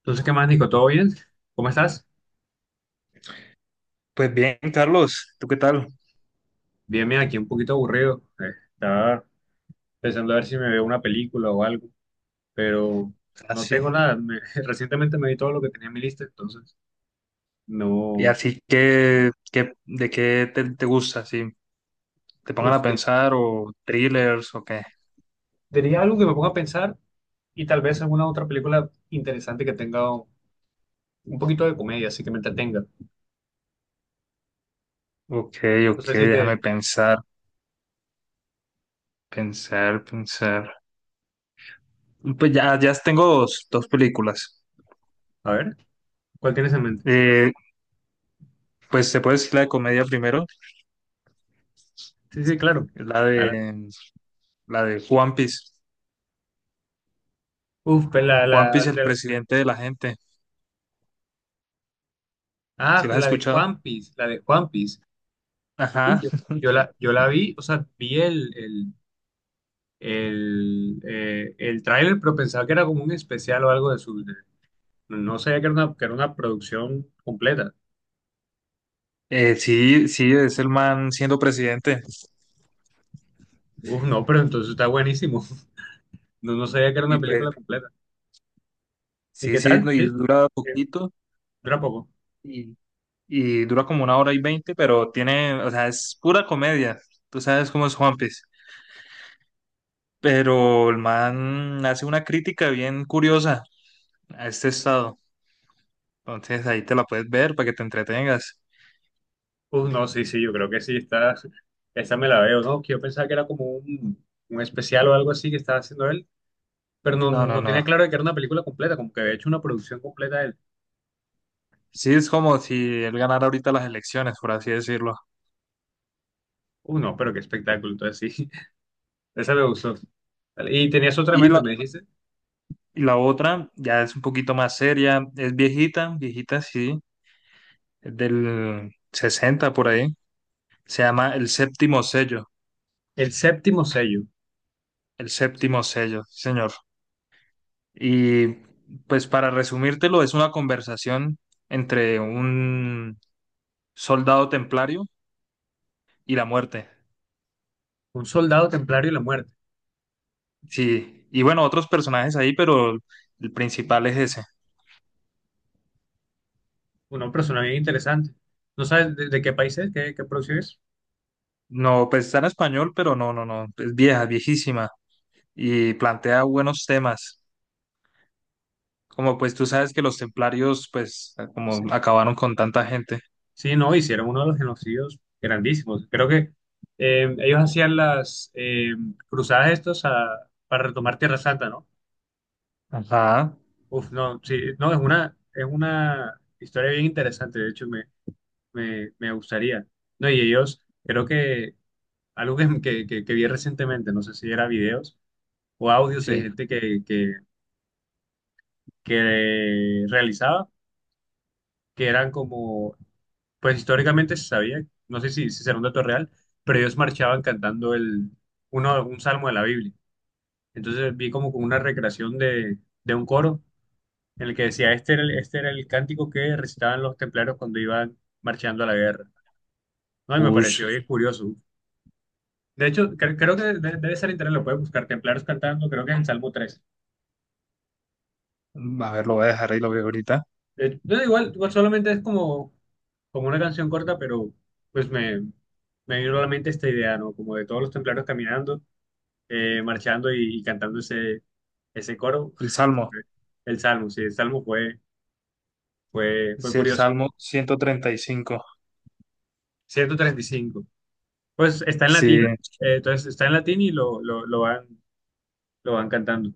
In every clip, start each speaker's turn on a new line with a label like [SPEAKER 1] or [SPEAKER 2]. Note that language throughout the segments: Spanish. [SPEAKER 1] Entonces, ¿qué más, Nico? ¿Todo bien? ¿Cómo estás?
[SPEAKER 2] Pues bien, Carlos, ¿tú qué tal?
[SPEAKER 1] Bien, bien, aquí un poquito aburrido. Estaba pensando a ver si me veo una película o algo, pero no
[SPEAKER 2] Así.
[SPEAKER 1] tengo nada. Recientemente me vi todo lo que tenía en mi lista, entonces
[SPEAKER 2] Y
[SPEAKER 1] no.
[SPEAKER 2] así ¿de qué te gusta? Si te pongan
[SPEAKER 1] Uf,
[SPEAKER 2] a pensar o thrillers o qué.
[SPEAKER 1] diría algo que me ponga a pensar y tal vez alguna otra película interesante que tenga un poquito de comedia, así que me entretenga.
[SPEAKER 2] Ok,
[SPEAKER 1] No
[SPEAKER 2] ok,
[SPEAKER 1] sé si te.
[SPEAKER 2] déjame pensar. Pues ya tengo dos películas.
[SPEAKER 1] A ver, ¿cuál tienes en mente?
[SPEAKER 2] Eh, pues se puede decir la de comedia primero,
[SPEAKER 1] Sí, sí, claro.
[SPEAKER 2] la
[SPEAKER 1] Adelante.
[SPEAKER 2] de la de One Piece.
[SPEAKER 1] Uf, pues
[SPEAKER 2] One Piece, el
[SPEAKER 1] la-
[SPEAKER 2] presidente de la gente. ¿Sí
[SPEAKER 1] ah,
[SPEAKER 2] la has
[SPEAKER 1] la de
[SPEAKER 2] escuchado?
[SPEAKER 1] Juan Piece, la de Juan. Uy,
[SPEAKER 2] Ajá.
[SPEAKER 1] yo la vi, o sea, vi el tráiler, pero pensaba que era como un especial o algo de no sabía que que era una producción completa.
[SPEAKER 2] Sí, sí, es el man siendo presidente.
[SPEAKER 1] Uf, no, pero entonces está buenísimo. No, no sabía que era
[SPEAKER 2] Y
[SPEAKER 1] una
[SPEAKER 2] pues
[SPEAKER 1] película completa. ¿Y
[SPEAKER 2] sí,
[SPEAKER 1] qué
[SPEAKER 2] sí,
[SPEAKER 1] tal?
[SPEAKER 2] no, y
[SPEAKER 1] Sí,
[SPEAKER 2] dura
[SPEAKER 1] eh,
[SPEAKER 2] poquito
[SPEAKER 1] dura poco.
[SPEAKER 2] y, y dura como 1 hora y 20, pero tiene, o sea, es pura comedia. Tú sabes cómo es Juanpis. Pero el man hace una crítica bien curiosa a este estado. Entonces ahí te la puedes ver para que te entretengas.
[SPEAKER 1] Uf, no, sí, sí, yo creo que sí, esa me la veo, ¿no? Que yo pensaba que era como un especial o algo así que estaba haciendo él, pero no,
[SPEAKER 2] No, no,
[SPEAKER 1] no tenía
[SPEAKER 2] no.
[SPEAKER 1] claro de que era una película completa, como que había hecho una producción completa él.
[SPEAKER 2] Sí, es como si él ganara ahorita las elecciones, por así decirlo.
[SPEAKER 1] Uf, no, pero qué espectáculo, entonces sí. Esa me gustó. Vale, y tenías otra en
[SPEAKER 2] Y
[SPEAKER 1] mente,
[SPEAKER 2] la,
[SPEAKER 1] me dijiste.
[SPEAKER 2] y la otra ya es un poquito más seria, es viejita, viejita, sí, es del 60 por ahí. Se llama El Séptimo Sello.
[SPEAKER 1] El séptimo sello,
[SPEAKER 2] El Séptimo Sello, sí, señor. Y pues para resumírtelo, es una conversación entre un soldado templario y la muerte.
[SPEAKER 1] un soldado templario y la muerte.
[SPEAKER 2] Sí, y bueno, otros personajes ahí, pero el principal es ese.
[SPEAKER 1] Una persona bien interesante. ¿No sabes de qué país es? Qué producción es?
[SPEAKER 2] No, pues está en español, pero no, no, no, es vieja, viejísima y plantea buenos temas. Como pues tú sabes que los templarios pues como
[SPEAKER 1] Sí.
[SPEAKER 2] acabaron con tanta gente.
[SPEAKER 1] Sí, no, hicieron uno de los genocidios grandísimos. Creo que ellos hacían las cruzadas para retomar Tierra Santa, ¿no?
[SPEAKER 2] Ajá,
[SPEAKER 1] Uf, no, sí, no, es una historia bien interesante. De hecho, me gustaría. No, y ellos, creo que algo que vi recientemente, no sé si era videos o audios de
[SPEAKER 2] sí.
[SPEAKER 1] gente que realizaba, que eran como, pues históricamente se sabía, no sé si será un dato real, pero ellos marchaban cantando un salmo de la Biblia. Entonces vi como una recreación de un coro en el que decía, este era el cántico que recitaban los templarios cuando iban marchando a la guerra. No, y me
[SPEAKER 2] Ush,
[SPEAKER 1] pareció bien curioso. De hecho, creo que debe ser internet, lo puedes buscar, templarios cantando, creo que es el Salmo 3.
[SPEAKER 2] a ver, lo voy a dejar ahí, lo veo ahorita.
[SPEAKER 1] De no, igual solamente es como una canción corta, pero pues me vino a la mente esta idea, ¿no? Como de todos los templarios caminando, marchando y cantando ese coro.
[SPEAKER 2] El Salmo.
[SPEAKER 1] El salmo, sí, el salmo fue
[SPEAKER 2] Es el
[SPEAKER 1] curioso.
[SPEAKER 2] Salmo 135.
[SPEAKER 1] 135. Pues está en
[SPEAKER 2] Sí,
[SPEAKER 1] latín. Entonces está en latín y lo van cantando.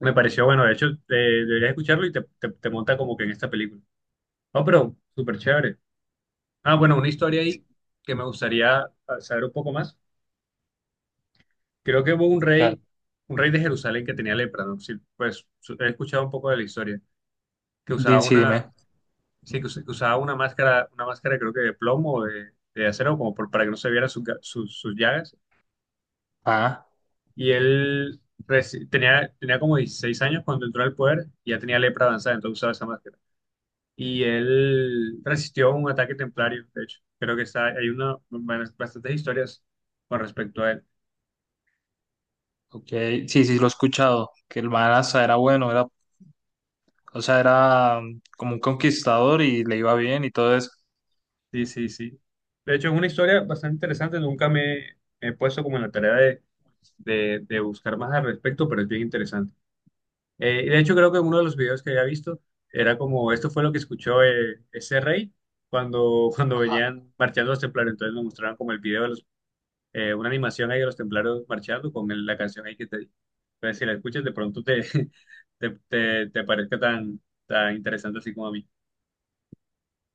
[SPEAKER 1] Me pareció bueno, de hecho, deberías escucharlo y te monta como que en esta película. Oh, pero súper chévere. Ah, bueno, una historia ahí que me gustaría saber un poco más. Creo que hubo
[SPEAKER 2] claro.
[SPEAKER 1] un rey de Jerusalén que tenía lepra, ¿no? Sí, pues he escuchado un poco de la historia, que
[SPEAKER 2] Sí, dime.
[SPEAKER 1] sí, que que usaba una máscara creo que de plomo de acero, como para que no se vieran sus llagas.
[SPEAKER 2] Ah,
[SPEAKER 1] Y él tenía como 16 años cuando entró al poder y ya tenía lepra avanzada, entonces usaba esa máscara. Y él resistió un ataque templario, de hecho. Creo que hay una, bastantes historias con respecto a él.
[SPEAKER 2] ok. Sí, sí, lo he escuchado. Que el man hasta era bueno, o sea, era como un conquistador y le iba bien y todo eso.
[SPEAKER 1] Sí, sí, sí. De hecho, es una historia bastante interesante. Nunca me he puesto como en la tarea de, de buscar más al respecto, pero es bien interesante. Y de hecho, creo que uno de los videos que había visto era como, esto fue lo que escuchó ese rey cuando, cuando
[SPEAKER 2] Ajá.
[SPEAKER 1] venían marchando los templarios. Entonces nos mostraron como el video de los, una animación ahí de los templarios marchando con la canción ahí que te di. Entonces, si la escuchas, de pronto te, te parezca tan, tan interesante así como a mí.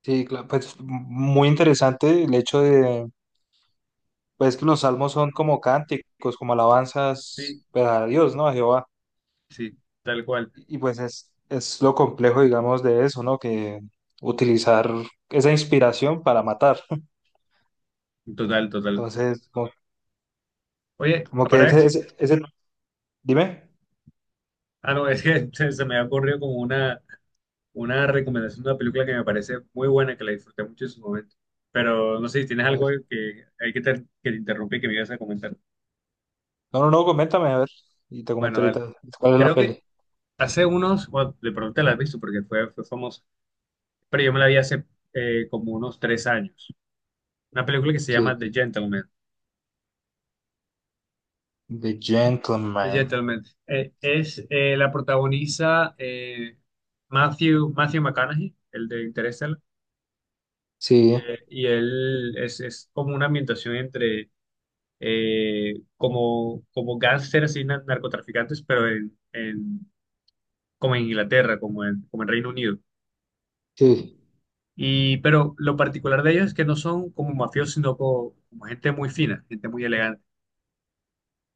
[SPEAKER 2] Sí, claro, pues muy interesante el hecho de, pues que los salmos son como cánticos, como
[SPEAKER 1] Sí,
[SPEAKER 2] alabanzas pues, a Dios, ¿no? A Jehová.
[SPEAKER 1] sí, tal cual.
[SPEAKER 2] Y pues es lo complejo, digamos, de eso, ¿no? Que utilizar esa inspiración para matar.
[SPEAKER 1] Total, total.
[SPEAKER 2] Entonces, como
[SPEAKER 1] Oye,
[SPEAKER 2] como que
[SPEAKER 1] ahora.
[SPEAKER 2] dime.
[SPEAKER 1] Ah, no, es que se me ha ocurrido como una, recomendación de una película que me parece muy buena, que la disfruté mucho en su momento. Pero no sé si tienes
[SPEAKER 2] A
[SPEAKER 1] algo
[SPEAKER 2] ver.
[SPEAKER 1] que hay que te interrumpí que me ibas a comentar.
[SPEAKER 2] No, no, no, coméntame, a ver. Y te
[SPEAKER 1] Bueno,
[SPEAKER 2] comento
[SPEAKER 1] dale.
[SPEAKER 2] ahorita cuál es la
[SPEAKER 1] Creo que
[SPEAKER 2] peli.
[SPEAKER 1] hace unos, bueno, de pronto te la has visto porque fue famosa, pero yo me la vi hace como unos 3 años. Una película que se llama
[SPEAKER 2] Sí.
[SPEAKER 1] The Gentleman.
[SPEAKER 2] The
[SPEAKER 1] The
[SPEAKER 2] Gentleman.
[SPEAKER 1] Gentleman. La protagoniza Matthew McConaughey, el de Interstellar,
[SPEAKER 2] Sí,
[SPEAKER 1] y él es como una ambientación entre como gángsters y narcotraficantes, pero como en Inglaterra, como en Reino Unido.
[SPEAKER 2] sí.
[SPEAKER 1] Y, pero lo particular de ellos es que no son como mafiosos, sino como gente muy fina, gente muy elegante,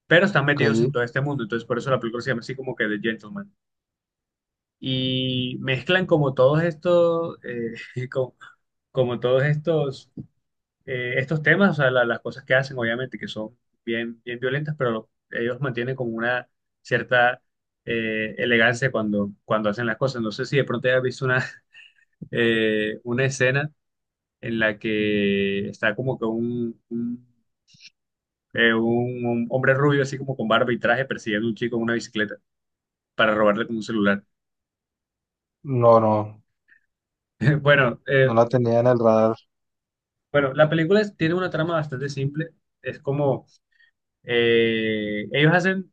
[SPEAKER 1] pero están metidos en
[SPEAKER 2] Ok.
[SPEAKER 1] todo este mundo, entonces por eso la película se llama así como que The Gentleman. Y mezclan como todos estos, como, como todos estos temas, o sea, las cosas que hacen, obviamente, que son bien, bien violentas, pero ellos mantienen como una cierta elegancia cuando hacen las cosas. No sé si de pronto hayas visto una, una escena en la que está como que un hombre rubio, así como con barba y traje, persiguiendo a un chico en una bicicleta para robarle como un celular.
[SPEAKER 2] No, no.
[SPEAKER 1] Bueno,
[SPEAKER 2] No la tenía en el radar.
[SPEAKER 1] bueno, la película tiene una trama bastante simple. Es como ellos hacen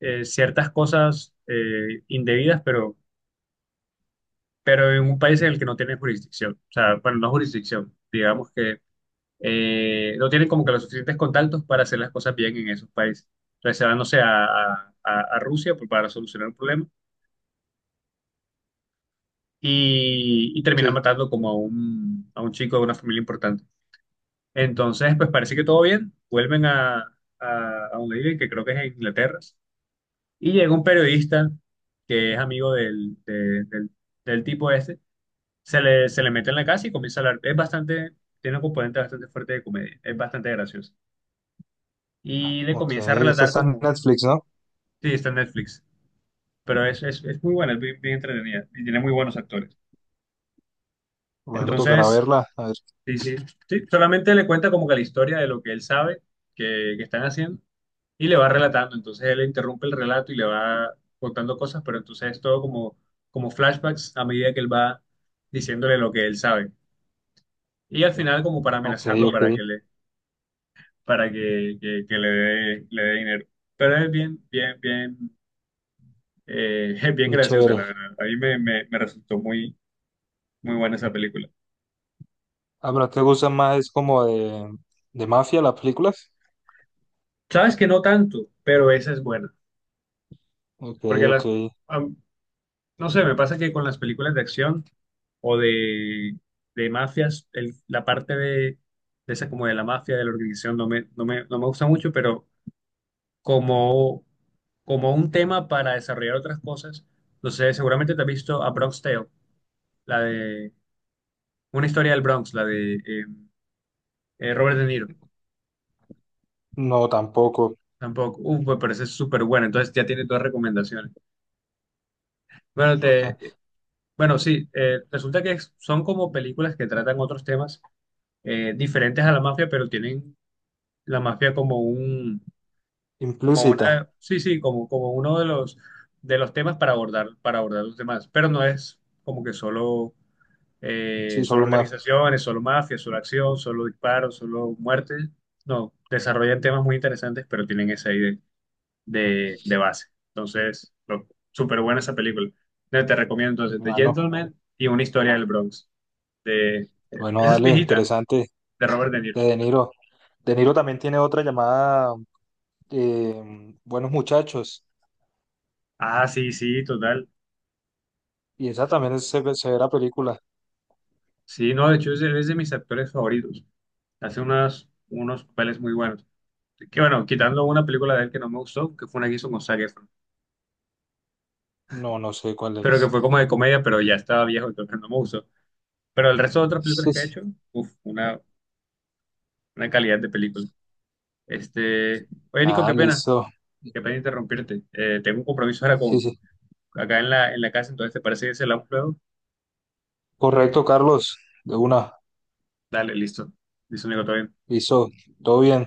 [SPEAKER 1] ciertas cosas indebidas, pero en un país en el que no tienen jurisdicción. O sea, bueno, no jurisdicción, digamos que no tienen como que los suficientes contactos para hacer las cosas bien en esos países. Entonces se van, no sé, a Rusia por para solucionar un problema y terminan
[SPEAKER 2] Sí.
[SPEAKER 1] matando como a un chico de una familia importante. Entonces, pues parece que todo bien, vuelven a donde viven, que creo que es en Inglaterra. Y llega un periodista que es amigo del tipo este, se le mete en la casa y comienza a hablar. Es bastante, tiene un componente bastante fuerte de comedia, es bastante gracioso. Y le
[SPEAKER 2] Ok.
[SPEAKER 1] comienza a
[SPEAKER 2] Esa
[SPEAKER 1] relatar
[SPEAKER 2] está en
[SPEAKER 1] como,
[SPEAKER 2] Netflix, ¿no?
[SPEAKER 1] sí, está en Netflix, pero es, es muy buena, es bien, bien entretenida y tiene muy buenos actores.
[SPEAKER 2] Bueno, tocará
[SPEAKER 1] Entonces,
[SPEAKER 2] verla. A ver.
[SPEAKER 1] sí, sí, sí, solamente le cuenta como que la historia de lo que él sabe que están haciendo y le va relatando. Entonces él interrumpe el relato y le va contando cosas, pero entonces es todo como flashbacks a medida que él va diciéndole lo que él sabe. Y al final como para
[SPEAKER 2] Ok,
[SPEAKER 1] amenazarlo
[SPEAKER 2] ok.
[SPEAKER 1] para para que le dé dinero. Pero es bien, bien, bien, es bien
[SPEAKER 2] Muy
[SPEAKER 1] graciosa,
[SPEAKER 2] chévere.
[SPEAKER 1] la verdad. A mí me resultó muy, muy buena esa película.
[SPEAKER 2] Ah, pero ¿te gusta más? Es como de mafia las películas.
[SPEAKER 1] Sabes que no tanto, pero esa es buena.
[SPEAKER 2] Ok,
[SPEAKER 1] Porque
[SPEAKER 2] ok.
[SPEAKER 1] las, no sé, me pasa que con las películas de acción o de mafias, la parte de esa como de la mafia, de la organización, no me gusta mucho, pero como, como un tema para desarrollar otras cosas, no sé, seguramente te has visto a Bronx Tale, la de una historia del Bronx, la de Robert De Niro,
[SPEAKER 2] No, tampoco.
[SPEAKER 1] tampoco, me parece súper buena, entonces ya tienes dos recomendaciones. Bueno, te, bueno, sí, resulta que son como películas que tratan otros temas diferentes a la mafia, pero tienen la mafia como un, como
[SPEAKER 2] Implícita.
[SPEAKER 1] una, sí, sí, como uno de los temas para abordar los demás, pero no es como que solo,
[SPEAKER 2] Sí,
[SPEAKER 1] solo
[SPEAKER 2] solo mafia.
[SPEAKER 1] organizaciones, solo mafia, solo acción, solo disparos, solo muerte, no, desarrollan temas muy interesantes, pero tienen esa idea de base, entonces, súper buena esa película, te recomiendo entonces The
[SPEAKER 2] Bueno,
[SPEAKER 1] Gentleman y Una historia del Bronx, de,
[SPEAKER 2] bueno,
[SPEAKER 1] esa es
[SPEAKER 2] dale,
[SPEAKER 1] viejita,
[SPEAKER 2] interesante.
[SPEAKER 1] de Robert De Niro.
[SPEAKER 2] De De Niro. De Niro también tiene otra llamada Buenos Muchachos.
[SPEAKER 1] Ah, sí, sí, total.
[SPEAKER 2] Y esa también se ve severa película.
[SPEAKER 1] Sí, no, de hecho es de mis actores favoritos. Hace unos papeles muy buenos. Que bueno, quitando una película de él que no me gustó, que fue una que hizo con Zac Efron,
[SPEAKER 2] No, no sé cuál
[SPEAKER 1] pero que
[SPEAKER 2] es.
[SPEAKER 1] fue como de comedia, pero ya estaba viejo, entonces no me gustó. Pero el resto de otras películas
[SPEAKER 2] Sí,
[SPEAKER 1] que ha
[SPEAKER 2] sí.
[SPEAKER 1] hecho, uff, una calidad de película. Oye, Nico,
[SPEAKER 2] Ah, listo.
[SPEAKER 1] qué pena interrumpirte. Tengo un compromiso ahora
[SPEAKER 2] Sí,
[SPEAKER 1] con,
[SPEAKER 2] sí.
[SPEAKER 1] acá en la, casa, entonces ¿te parece que se la un luego?
[SPEAKER 2] Correcto, Carlos. De una.
[SPEAKER 1] Dale, listo. Listo, Nico, todo bien.
[SPEAKER 2] Listo. Todo bien.